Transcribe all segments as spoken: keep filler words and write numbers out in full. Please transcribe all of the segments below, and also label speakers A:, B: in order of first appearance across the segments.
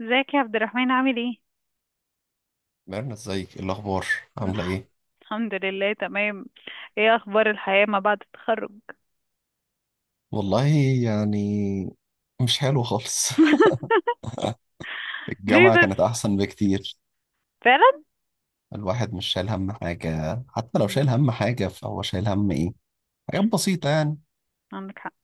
A: ازيك يا عبد الرحمن، عامل ايه؟
B: ميرنا، ازيك؟ ايه الاخبار؟ عامله ايه؟
A: الحمد لله تمام. ايه اخبار الحياة ما بعد التخرج؟
B: والله، يعني مش حلو خالص.
A: ليه
B: الجامعه
A: بس؟
B: كانت احسن بكتير.
A: فعلا؟
B: الواحد مش شايل هم حاجه، حتى لو شايل
A: مم.
B: هم حاجه فهو شايل هم ايه؟ حاجات بسيطه يعني.
A: عندك حق.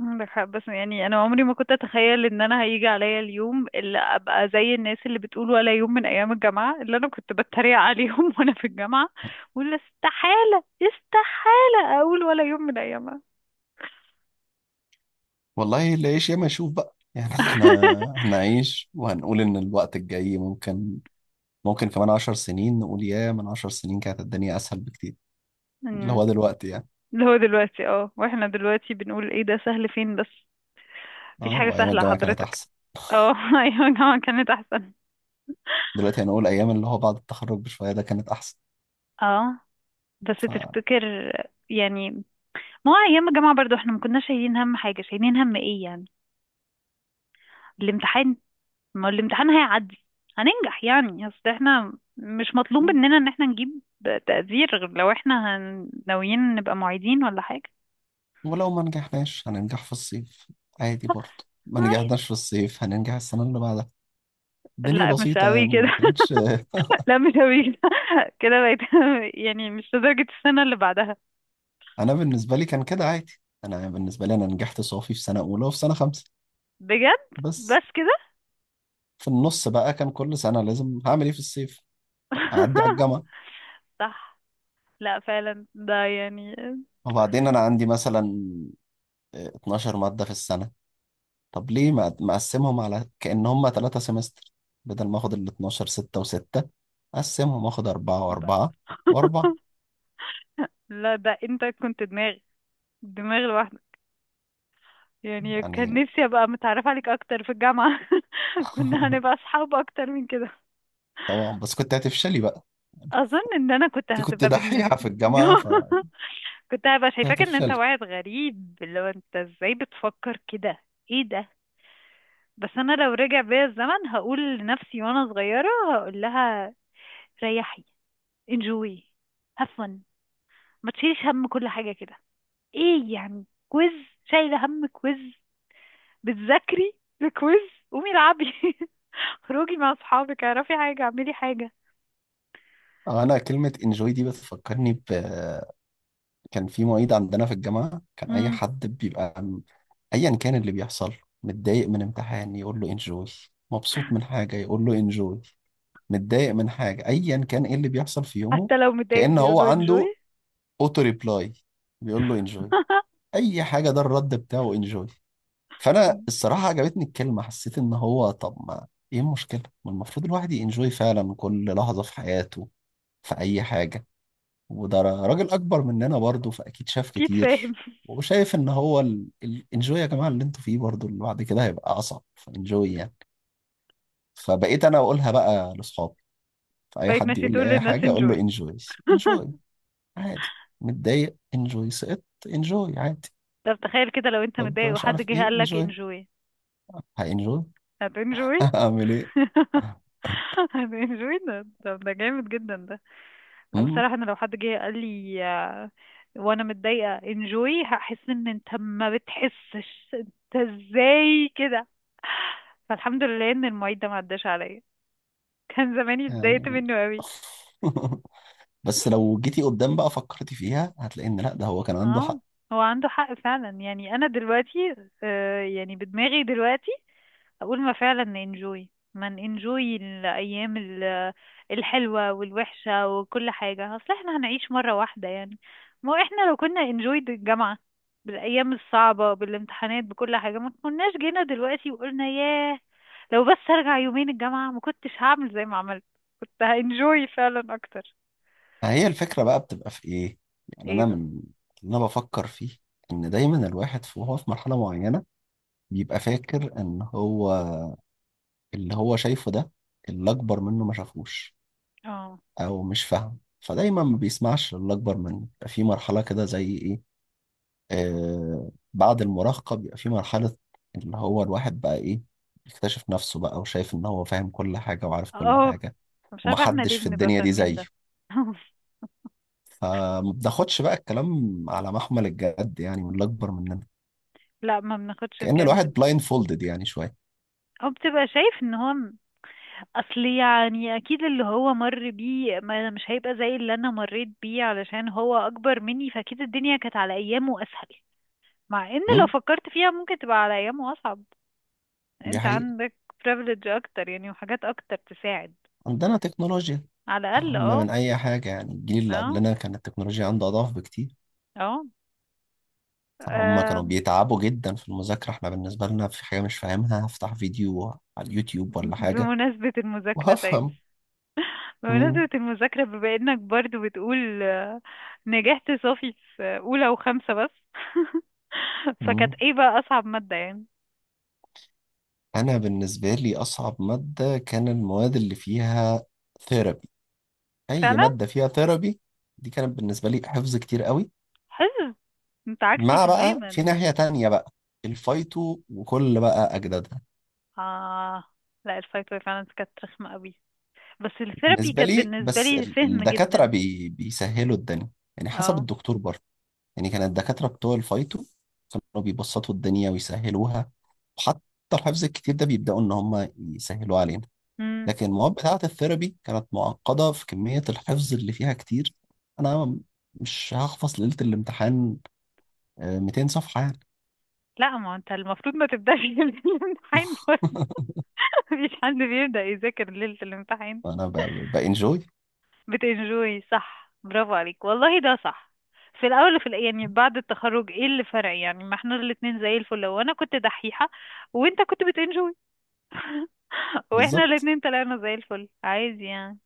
A: عندك حق، بس يعني انا عمري ما كنت اتخيل ان انا هيجي عليا اليوم اللي ابقى زي الناس اللي بتقول ولا يوم من ايام الجامعة اللي انا كنت بتريق عليهم، وانا في الجامعة. ولا استحالة، استحالة اقول ولا يوم من ايامها.
B: والله، اللي يعيش ياما يشوف بقى يعني. احنا هنعيش وهنقول ان الوقت الجاي ممكن ممكن كمان عشر سنين نقول يا من عشر سنين كانت الدنيا اسهل بكتير، اللي
A: مم.
B: هو دلوقتي يعني.
A: اللي هو دلوقتي، اه، واحنا دلوقتي بنقول ايه ده، سهل فين بس؟ مفيش
B: اه،
A: حاجة
B: وايام
A: سهلة
B: الجامعه كانت
A: حضرتك.
B: احسن.
A: اه، ايوه الجامعة كانت احسن.
B: دلوقتي هنقول ايام اللي هو بعد التخرج بشويه ده كانت
A: اه، بس
B: احسن.
A: تفتكر يعني، ما هو ايام الجامعة برضو احنا ما كناش شايلين هم حاجة، شايلين هم ايه يعني؟ الامتحان، ما هو الامتحان هيعدي، هننجح يعني. اصل احنا مش مطلوب مننا ان احنا نجيب تقدير، غير لو احنا هن- ناويين نبقى معيدين ولا حاجة.
B: ولو ما نجحناش هننجح في الصيف، عادي. برضه ما
A: عادي.
B: نجحناش في الصيف هننجح السنة اللي بعدها. الدنيا
A: لا مش
B: بسيطة
A: قوي
B: يعني،
A: كده.
B: ما كانتش.
A: لا مش قوي كده. كده بقيت؟ يعني مش لدرجة السنة اللي بعدها.
B: أنا بالنسبة لي كان كده عادي. أنا بالنسبة لي أنا نجحت صافي في سنة أولى وفي سنة خمسة
A: بجد؟
B: بس.
A: بس كده؟
B: في النص بقى كان كل سنة لازم هعمل إيه في الصيف؟ طب أعدي على الجامعة.
A: صح. لا فعلا ده يعني
B: وبعدين أنا عندي مثلا اتناشر مادة في السنة، طب ليه ما مقسمهم على كأن هم ثلاثة سمستر؟ بدل ما آخد ال اثنا عشر ستة و6، أقسمهم آخد أربعة
A: ب-
B: وأربعة وأربعة
A: لا ده انت كنت دماغ، دماغ لوحدك. يعني كان
B: يعني.
A: نفسي ابقى متعرفة عليك اكتر في الجامعة. كنا هنبقى اصحاب اكتر من كده.
B: طبعا، بس كنت هتفشلي بقى انت.
A: اظن ان انا كنت
B: كنت
A: هتبقى
B: دحيحة
A: بالنسبة
B: في الجامعة فكنت
A: كنت هبقى شايفاك ان انت
B: هتفشلي.
A: واحد غريب، اللي هو انت ازاي بتفكر كده؟ ايه ده؟ بس انا لو رجع بيا الزمن هقول لنفسي وانا صغيرة، هقول لها ريحي، enjoy، have fun، ما تشيليش هم كل حاجة كده. ايه يعني كويز؟ شايله هم كويز؟ بتذاكري لكويز؟ قومي العبي، خروجي مع اصحابك، اعرفي حاجه، اعملي حاجه.
B: انا كلمة انجوي دي بتفكرني ب كان في معيد عندنا في الجامعة، كان اي
A: امم.
B: حد بيبقى م- ايا كان اللي بيحصل، متضايق من امتحان يقول له انجوي، مبسوط من حاجة يقول له انجوي، متضايق من حاجة ايا كان ايه اللي بيحصل في يومه،
A: حتى لو متضايق
B: كأن هو
A: بيقولوا انجوي.
B: عنده اوتو ريبلاي بيقول له انجوي. اي حاجة ده الرد بتاعه انجوي. فانا الصراحه عجبتني الكلمه، حسيت ان هو طب ما ايه المشكله، ما المفروض الواحد ينجوي فعلا كل لحظه في حياته، في اي حاجه. وده را- راجل اكبر مننا برضه، فاكيد شاف
A: اكيد فاهم.
B: كتير وشايف ان هو الانجوي يا جماعه اللي انتوا فيه برضه اللي بعد كده هيبقى اصعب، فانجوي يعني. فبقيت انا اقولها بقى لاصحابي، فاي
A: بقيت
B: حد
A: ماشي
B: يقول
A: تقول
B: لي اي
A: للناس
B: حاجه اقول له
A: انجوي؟
B: انجوي. انجوي، عادي. متضايق، انجوي. سقطت، انجوي، عادي.
A: طب تخيل كده، لو انت
B: طب
A: متضايق
B: مش
A: وحد
B: عارف
A: جه
B: ايه
A: قال لك
B: انجوي؟
A: انجوي؟
B: هانجوي.
A: هتنجوي.
B: هعمل
A: هتنجوي ده، طب ده جامد جدا ده. لا
B: ايه
A: بصراحة انا لو حد جه قال لي، آه، وانا متضايقة، انجوي، هحس ان انت ما بتحسش. انت ازاي كده؟ فالحمد لله ان المعيد ده ما عداش عليا، كان زماني اتضايقت
B: يعني؟
A: منه قوي.
B: بس لو جيتي قدام بقى فكرتي فيها هتلاقي ان لا، ده هو كان عنده
A: اه،
B: حق.
A: هو عنده حق فعلا. يعني انا دلوقتي، آه، يعني بدماغي دلوقتي أقول ما فعلا ننجوي، ما ننجوي الأيام ال- الحلوة والوحشة وكل حاجة، أصل احنا هنعيش مرة واحدة يعني. ما هو احنا لو كنا انجوي الجامعة بالأيام الصعبة، بالامتحانات، بكل حاجة، ما كناش جينا دلوقتي وقلنا ياه، لو بس أرجع يومين الجامعة ما كنتش هعمل زي ما عملت، كنت هانجوي فعلا أكتر.
B: فهي الفكرة بقى بتبقى في ايه؟ يعني
A: ايه
B: انا
A: بقى؟
B: من اللي انا بفكر فيه ان دايما الواحد في- وهو في مرحلة معينة بيبقى فاكر ان هو اللي هو شايفه ده اللي اكبر منه ما شافوش،
A: اه.
B: او مش فاهم، فدايما ما بيسمعش. اللي اكبر منه بيبقى في مرحلة كده زي إيه؟ آه، بعد المراهقة بيبقى في مرحلة اللي هو الواحد بقى إيه، يكتشف نفسه بقى وشايف إن هو فاهم كل حاجة وعارف كل
A: اه.
B: حاجة
A: مش عارفة احنا
B: ومحدش
A: ليه
B: في
A: بنبقى
B: الدنيا دي
A: فاهمين
B: زيه.
A: ده.
B: فما بناخدش بقى الكلام على محمل الجد يعني من اللي أكبر مننا.
A: لا ما بناخدش
B: كأن
A: الكلام
B: الواحد
A: ده.
B: بلايند فولدد يعني شوية.
A: او بتبقى شايف ان هو، اصل يعني اكيد اللي هو مر بيه، ما أنا مش هيبقى زي اللي انا مريت بيه، علشان هو اكبر مني فاكيد الدنيا كانت على ايامه اسهل. مع ان لو
B: مم؟
A: فكرت فيها ممكن تبقى على ايامه اصعب.
B: دي
A: انت
B: حقيقة.
A: عندك privilege اكتر يعني، وحاجات اكتر تساعد.
B: عندنا تكنولوجيا
A: على الاقل،
B: أهم
A: اه.
B: من أي حاجة. يعني الجيل اللي
A: اه.
B: قبلنا كانت التكنولوجيا عنده أضعاف بكتير.
A: اه.
B: هم كانوا
A: آه،
B: بيتعبوا جدا في المذاكرة، احنا بالنسبة لنا في حاجة مش فاهمها هفتح فيديو على اليوتيوب ولا حاجة
A: بمناسبة المذاكرة طيب.
B: وهفهم. مم.
A: بمناسبة المذاكرة، بما انك برضو بتقول آه، نجحت صافي في اولى وخمسة بس. فكانت
B: مم.
A: ايه بقى اصعب مادة يعني؟
B: أنا بالنسبة لي أصعب مادة كان المواد اللي فيها ثيرابي، أي
A: فعلا.
B: مادة فيها ثيرابي. دي كانت بالنسبة لي حفظ كتير قوي.
A: حلو. انت عكسي
B: مع بقى في
A: تماما.
B: ناحية تانية بقى الفايتو وكل بقى أجدادها.
A: اه لا، الفايت واي فعلا كانت رخمة قوي، بس الثيرابي
B: بالنسبة
A: كانت
B: لي،
A: بالنسبة
B: بس
A: لي
B: ال-
A: فهم
B: الدكاترة
A: جدا.
B: بي بيسهلوا الدنيا. يعني حسب
A: اه.
B: الدكتور برضه. يعني كان الدكاترة بتوع الفايتو كانوا بيبسطوا الدنيا ويسهلوها، وحتى الحفظ الكتير ده بيبدأوا إن هم يسهلوا علينا.
A: امم.
B: لكن المواد بتاعة الثيرابي كانت معقدة في كمية الحفظ اللي فيها كتير. أنا مش هحفظ ليلة الامتحان آه، ميتين صفحة يعني.
A: لا ما انت المفروض ما تبدأش ليلة الامتحان برضه. مفيش حد بيبدأ يذاكر ليلة الامتحان.
B: فأنا ب- بانجوي.
A: بتنجوي، صح، برافو عليك والله، ده صح. في الاول وفي الآ- يعني بعد التخرج ايه اللي فرق يعني؟ ما احنا الاتنين زي الفل، وانا كنت دحيحة وانت كنت بتنجوي. واحنا
B: بالظبط.
A: الاتنين طلعنا زي الفل، عايز يعني.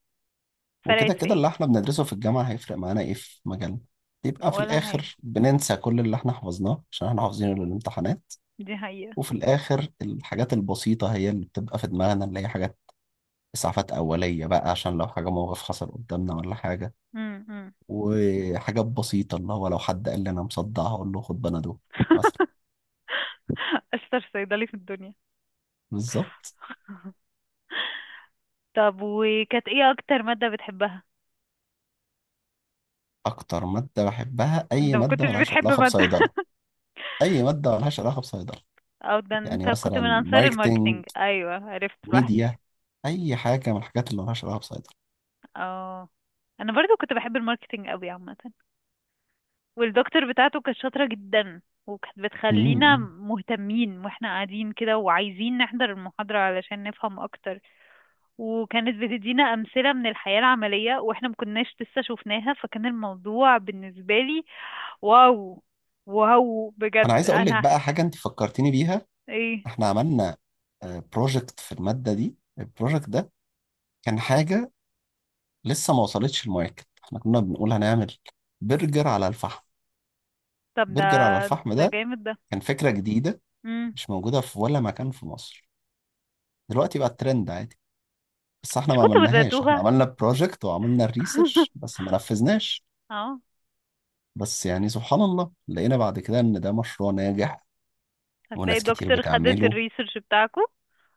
B: وكده
A: فرقت في
B: كده
A: ايه؟
B: اللي احنا بندرسه في الجامعة هيفرق معانا ايه في مجالنا؟ يبقى في
A: ولا حاجة.
B: الآخر بننسى كل اللي احنا حفظناه عشان احنا حافظينه للامتحانات.
A: دي حقيقة.
B: وفي الآخر الحاجات البسيطة هي اللي بتبقى في دماغنا، اللي هي حاجات إسعافات أولية بقى، عشان لو حاجة موقف حصل قدامنا ولا حاجة،
A: مم، مم.
B: وحاجات بسيطة اللي هو لو حد قال لي أنا مصدعها أقول له خد بنادول مثلا.
A: اشطر صيدلي في الدنيا.
B: بالظبط.
A: طب وكانت ايه اكتر مادة بتحبها؟
B: أكتر مادة بحبها
A: انت
B: أي
A: ما
B: مادة
A: كنتش
B: ملهاش
A: بتحب
B: علاقة
A: مادة؟
B: بصيدلة. أي مادة ملهاش علاقة بصيدلة.
A: او ده
B: يعني
A: انت كنت
B: مثلا
A: من انصار
B: ماركتينج،
A: الماركتينج، ايوه عرفت
B: ميديا،
A: لوحدي.
B: أي حاجة من الحاجات اللي ملهاش علاقة بصيدلة.
A: اه، انا برضو كنت بحب الماركتينج قوي عامه، والدكتور بتاعته كانت شاطره جدا، وكانت بتخلينا
B: مم.
A: مهتمين واحنا قاعدين كده وعايزين نحضر المحاضره علشان نفهم اكتر، وكانت بتدينا أمثلة من الحياة العملية واحنا مكناش لسه شفناها، فكان الموضوع بالنسبة لي واو، واو
B: أنا
A: بجد
B: عايز أقول لك
A: انا.
B: بقى حاجة أنت فكرتيني بيها.
A: ايه؟
B: إحنا عملنا بروجكت في المادة دي، البروجكت ده كان حاجة لسه ما وصلتش الماركت. احنا كنا بنقول هنعمل برجر على الفحم.
A: طب ده،
B: برجر على الفحم
A: ده
B: ده
A: جامد ده.
B: كان فكرة جديدة،
A: مم.
B: مش موجودة في ولا مكان في مصر. دلوقتي بقى الترند عادي، بس احنا
A: مش
B: ما
A: كنت
B: عملناهاش. احنا
A: بدأتوها؟
B: عملنا بروجكت وعملنا الريسيرش بس ما نفذناش.
A: اه،
B: بس يعني سبحان الله لقينا بعد كده ان ده مشروع ناجح
A: هتلاقي
B: وناس كتير
A: الدكتور خدت
B: بتعمله
A: الريسيرش بتاعكو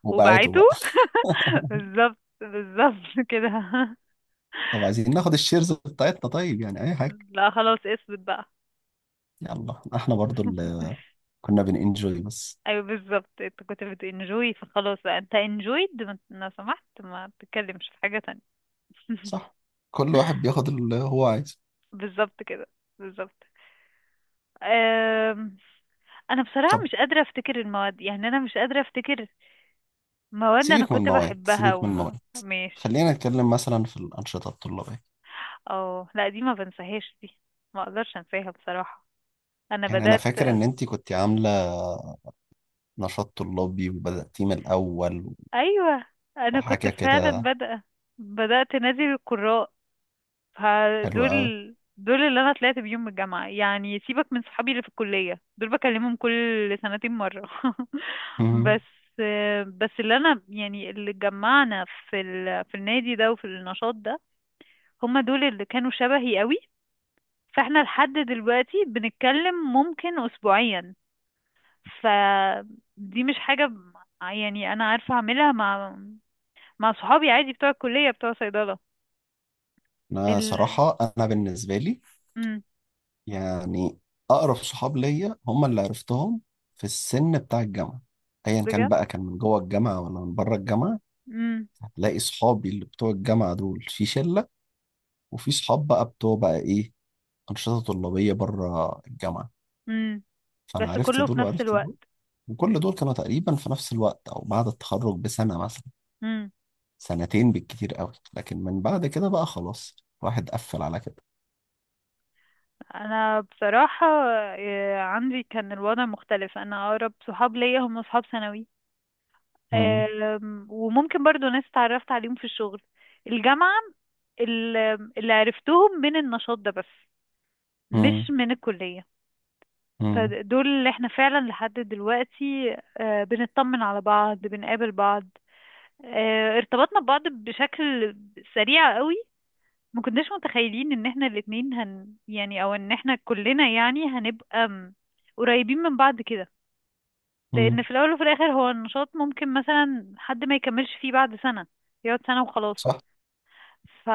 B: وبعته
A: وبعته.
B: بقى.
A: بالظبط، بالظبط كده.
B: طب عايزين ناخد الشيرز بتاعتنا، طيب، يعني اي حاجة.
A: لا خلاص، اثبت بقى.
B: يلا احنا برضو اللي كنا بننجوي بس.
A: ايوه بالظبط انت كنت بتنجوي، فخلاص بقى، انت انجويد، لو سمحت ما تتكلمش في حاجة تانية.
B: صح، كل واحد بياخد اللي هو عايزه.
A: بالظبط كده. بالظبط. أم، انا بصراحة
B: طب
A: مش قادرة افتكر المواد، يعني انا مش قادرة افتكر مواد انا
B: سيبك من
A: كنت
B: المواد،
A: بحبها
B: سيبك من
A: وما
B: المواد،
A: ماشي.
B: خلينا نتكلم مثلا في الأنشطة الطلابية.
A: اه لا دي ما بنساهاش دي، ما اقدرش انساها بصراحة. انا
B: يعني أنا
A: بدأت،
B: فاكر إن أنتي كنت عاملة نشاط طلابي وبدأتيه من الأول
A: ايوه انا كنت
B: وحاجة
A: فعلا
B: كده،
A: بادئة، بدأت نادي القراء.
B: حلوة أوي.
A: فدول، دول اللي انا طلعت بيهم من الجامعة يعني، سيبك من صحابي اللي في الكلية، دول بكلمهم كل سنتين مرة. بس،
B: مم.
A: بس اللي انا يعني، اللي جمعنا في ال... في النادي ده وفي النشاط ده، هما دول اللي كانوا شبهي قوي. فاحنا لحد دلوقتي بنتكلم ممكن اسبوعيا. فدي مش حاجة ب- يعني انا عارفة اعملها مع مع صحابي عادي بتوع الكلية بتوع صيدلة.
B: أنا
A: ال...
B: صراحة أنا بالنسبة لي
A: امم.
B: يعني أقرب صحاب ليا هم اللي عرفتهم في السن بتاع الجامعة، أيا كان
A: بجد.
B: بقى، كان من جوه الجامعة ولا من بره الجامعة. هتلاقي صحابي اللي بتوع الجامعة دول في شلة، وفي صحاب بقى بتوع بقى إيه، أنشطة طلابية بره الجامعة.
A: امم.
B: فأنا
A: بس
B: عرفت
A: كله في
B: دول
A: نفس
B: وعرفت
A: الوقت.
B: دول، وكل دول كانوا تقريبا في نفس الوقت أو بعد التخرج بسنة مثلا،
A: امم.
B: سنتين بالكتير قوي. لكن من بعد كده بقى خلاص الواحد قفل على كده.
A: انا بصراحة، آه، عندي كان الوضع مختلف، انا اقرب صحاب ليا هم صحاب ثانوي.
B: مم.
A: آم، وممكن برضو ناس اتعرفت عليهم في الشغل، الجامعة، ال- اللي عرفتهم من النشاط ده بس،
B: مم.
A: مش من الكلية.
B: مم.
A: فدول اللي احنا فعلا لحد دلوقتي آه، بنطمن على بعض، بنقابل بعض، آه، ارتبطنا ببعض بشكل سريع قوي. ما كناش متخيلين ان احنا الاتنين هن يعني، او ان احنا كلنا يعني هنبقى م- قريبين من بعض كده. لان
B: مم.
A: في الاول وفي الاخر هو النشاط ممكن مثلا حد ما يكملش فيه بعد سنة، يقعد سنة وخلاص.
B: صح.
A: ف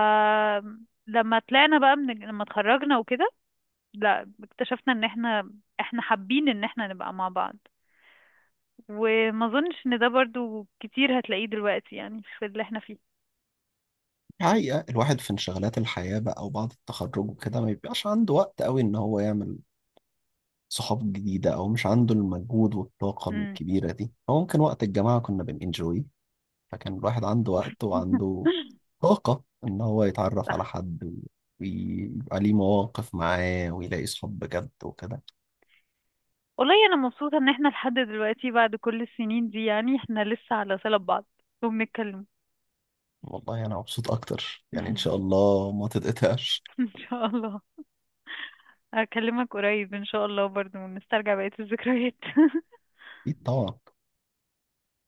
A: لما طلعنا بقى، من لما اتخرجنا وكده، لا اكتشفنا ان احنا، احنا حابين ان احنا نبقى مع بعض. وما اظنش ان ده برضو كتير هتلاقيه دلوقتي يعني في اللي احنا فيه.
B: حقيقة الواحد في انشغالات الحياة بقى وبعد التخرج وكده ما بيبقاش عنده وقت قوي ان هو يعمل صحاب جديدة، او مش عنده المجهود والطاقة
A: امم.
B: الكبيرة دي. هو ممكن وقت الجامعة كنا بننجوي، فكان الواحد عنده وقت وعنده طاقة ان هو يتعرف على حد ويبقى ليه مواقف معاه ويلاقي صحاب بجد وكده.
A: والله انا مبسوطه ان احنا لحد دلوقتي بعد كل السنين دي يعني احنا لسه على صله ببعض وبنتكلم.
B: والله انا مبسوط اكتر يعني، ان شاء الله ما تتقطعش.
A: ان شاء الله. اكلمك قريب ان شاء الله برضو، ونسترجع بقيه الذكريات.
B: اكيد طبعا.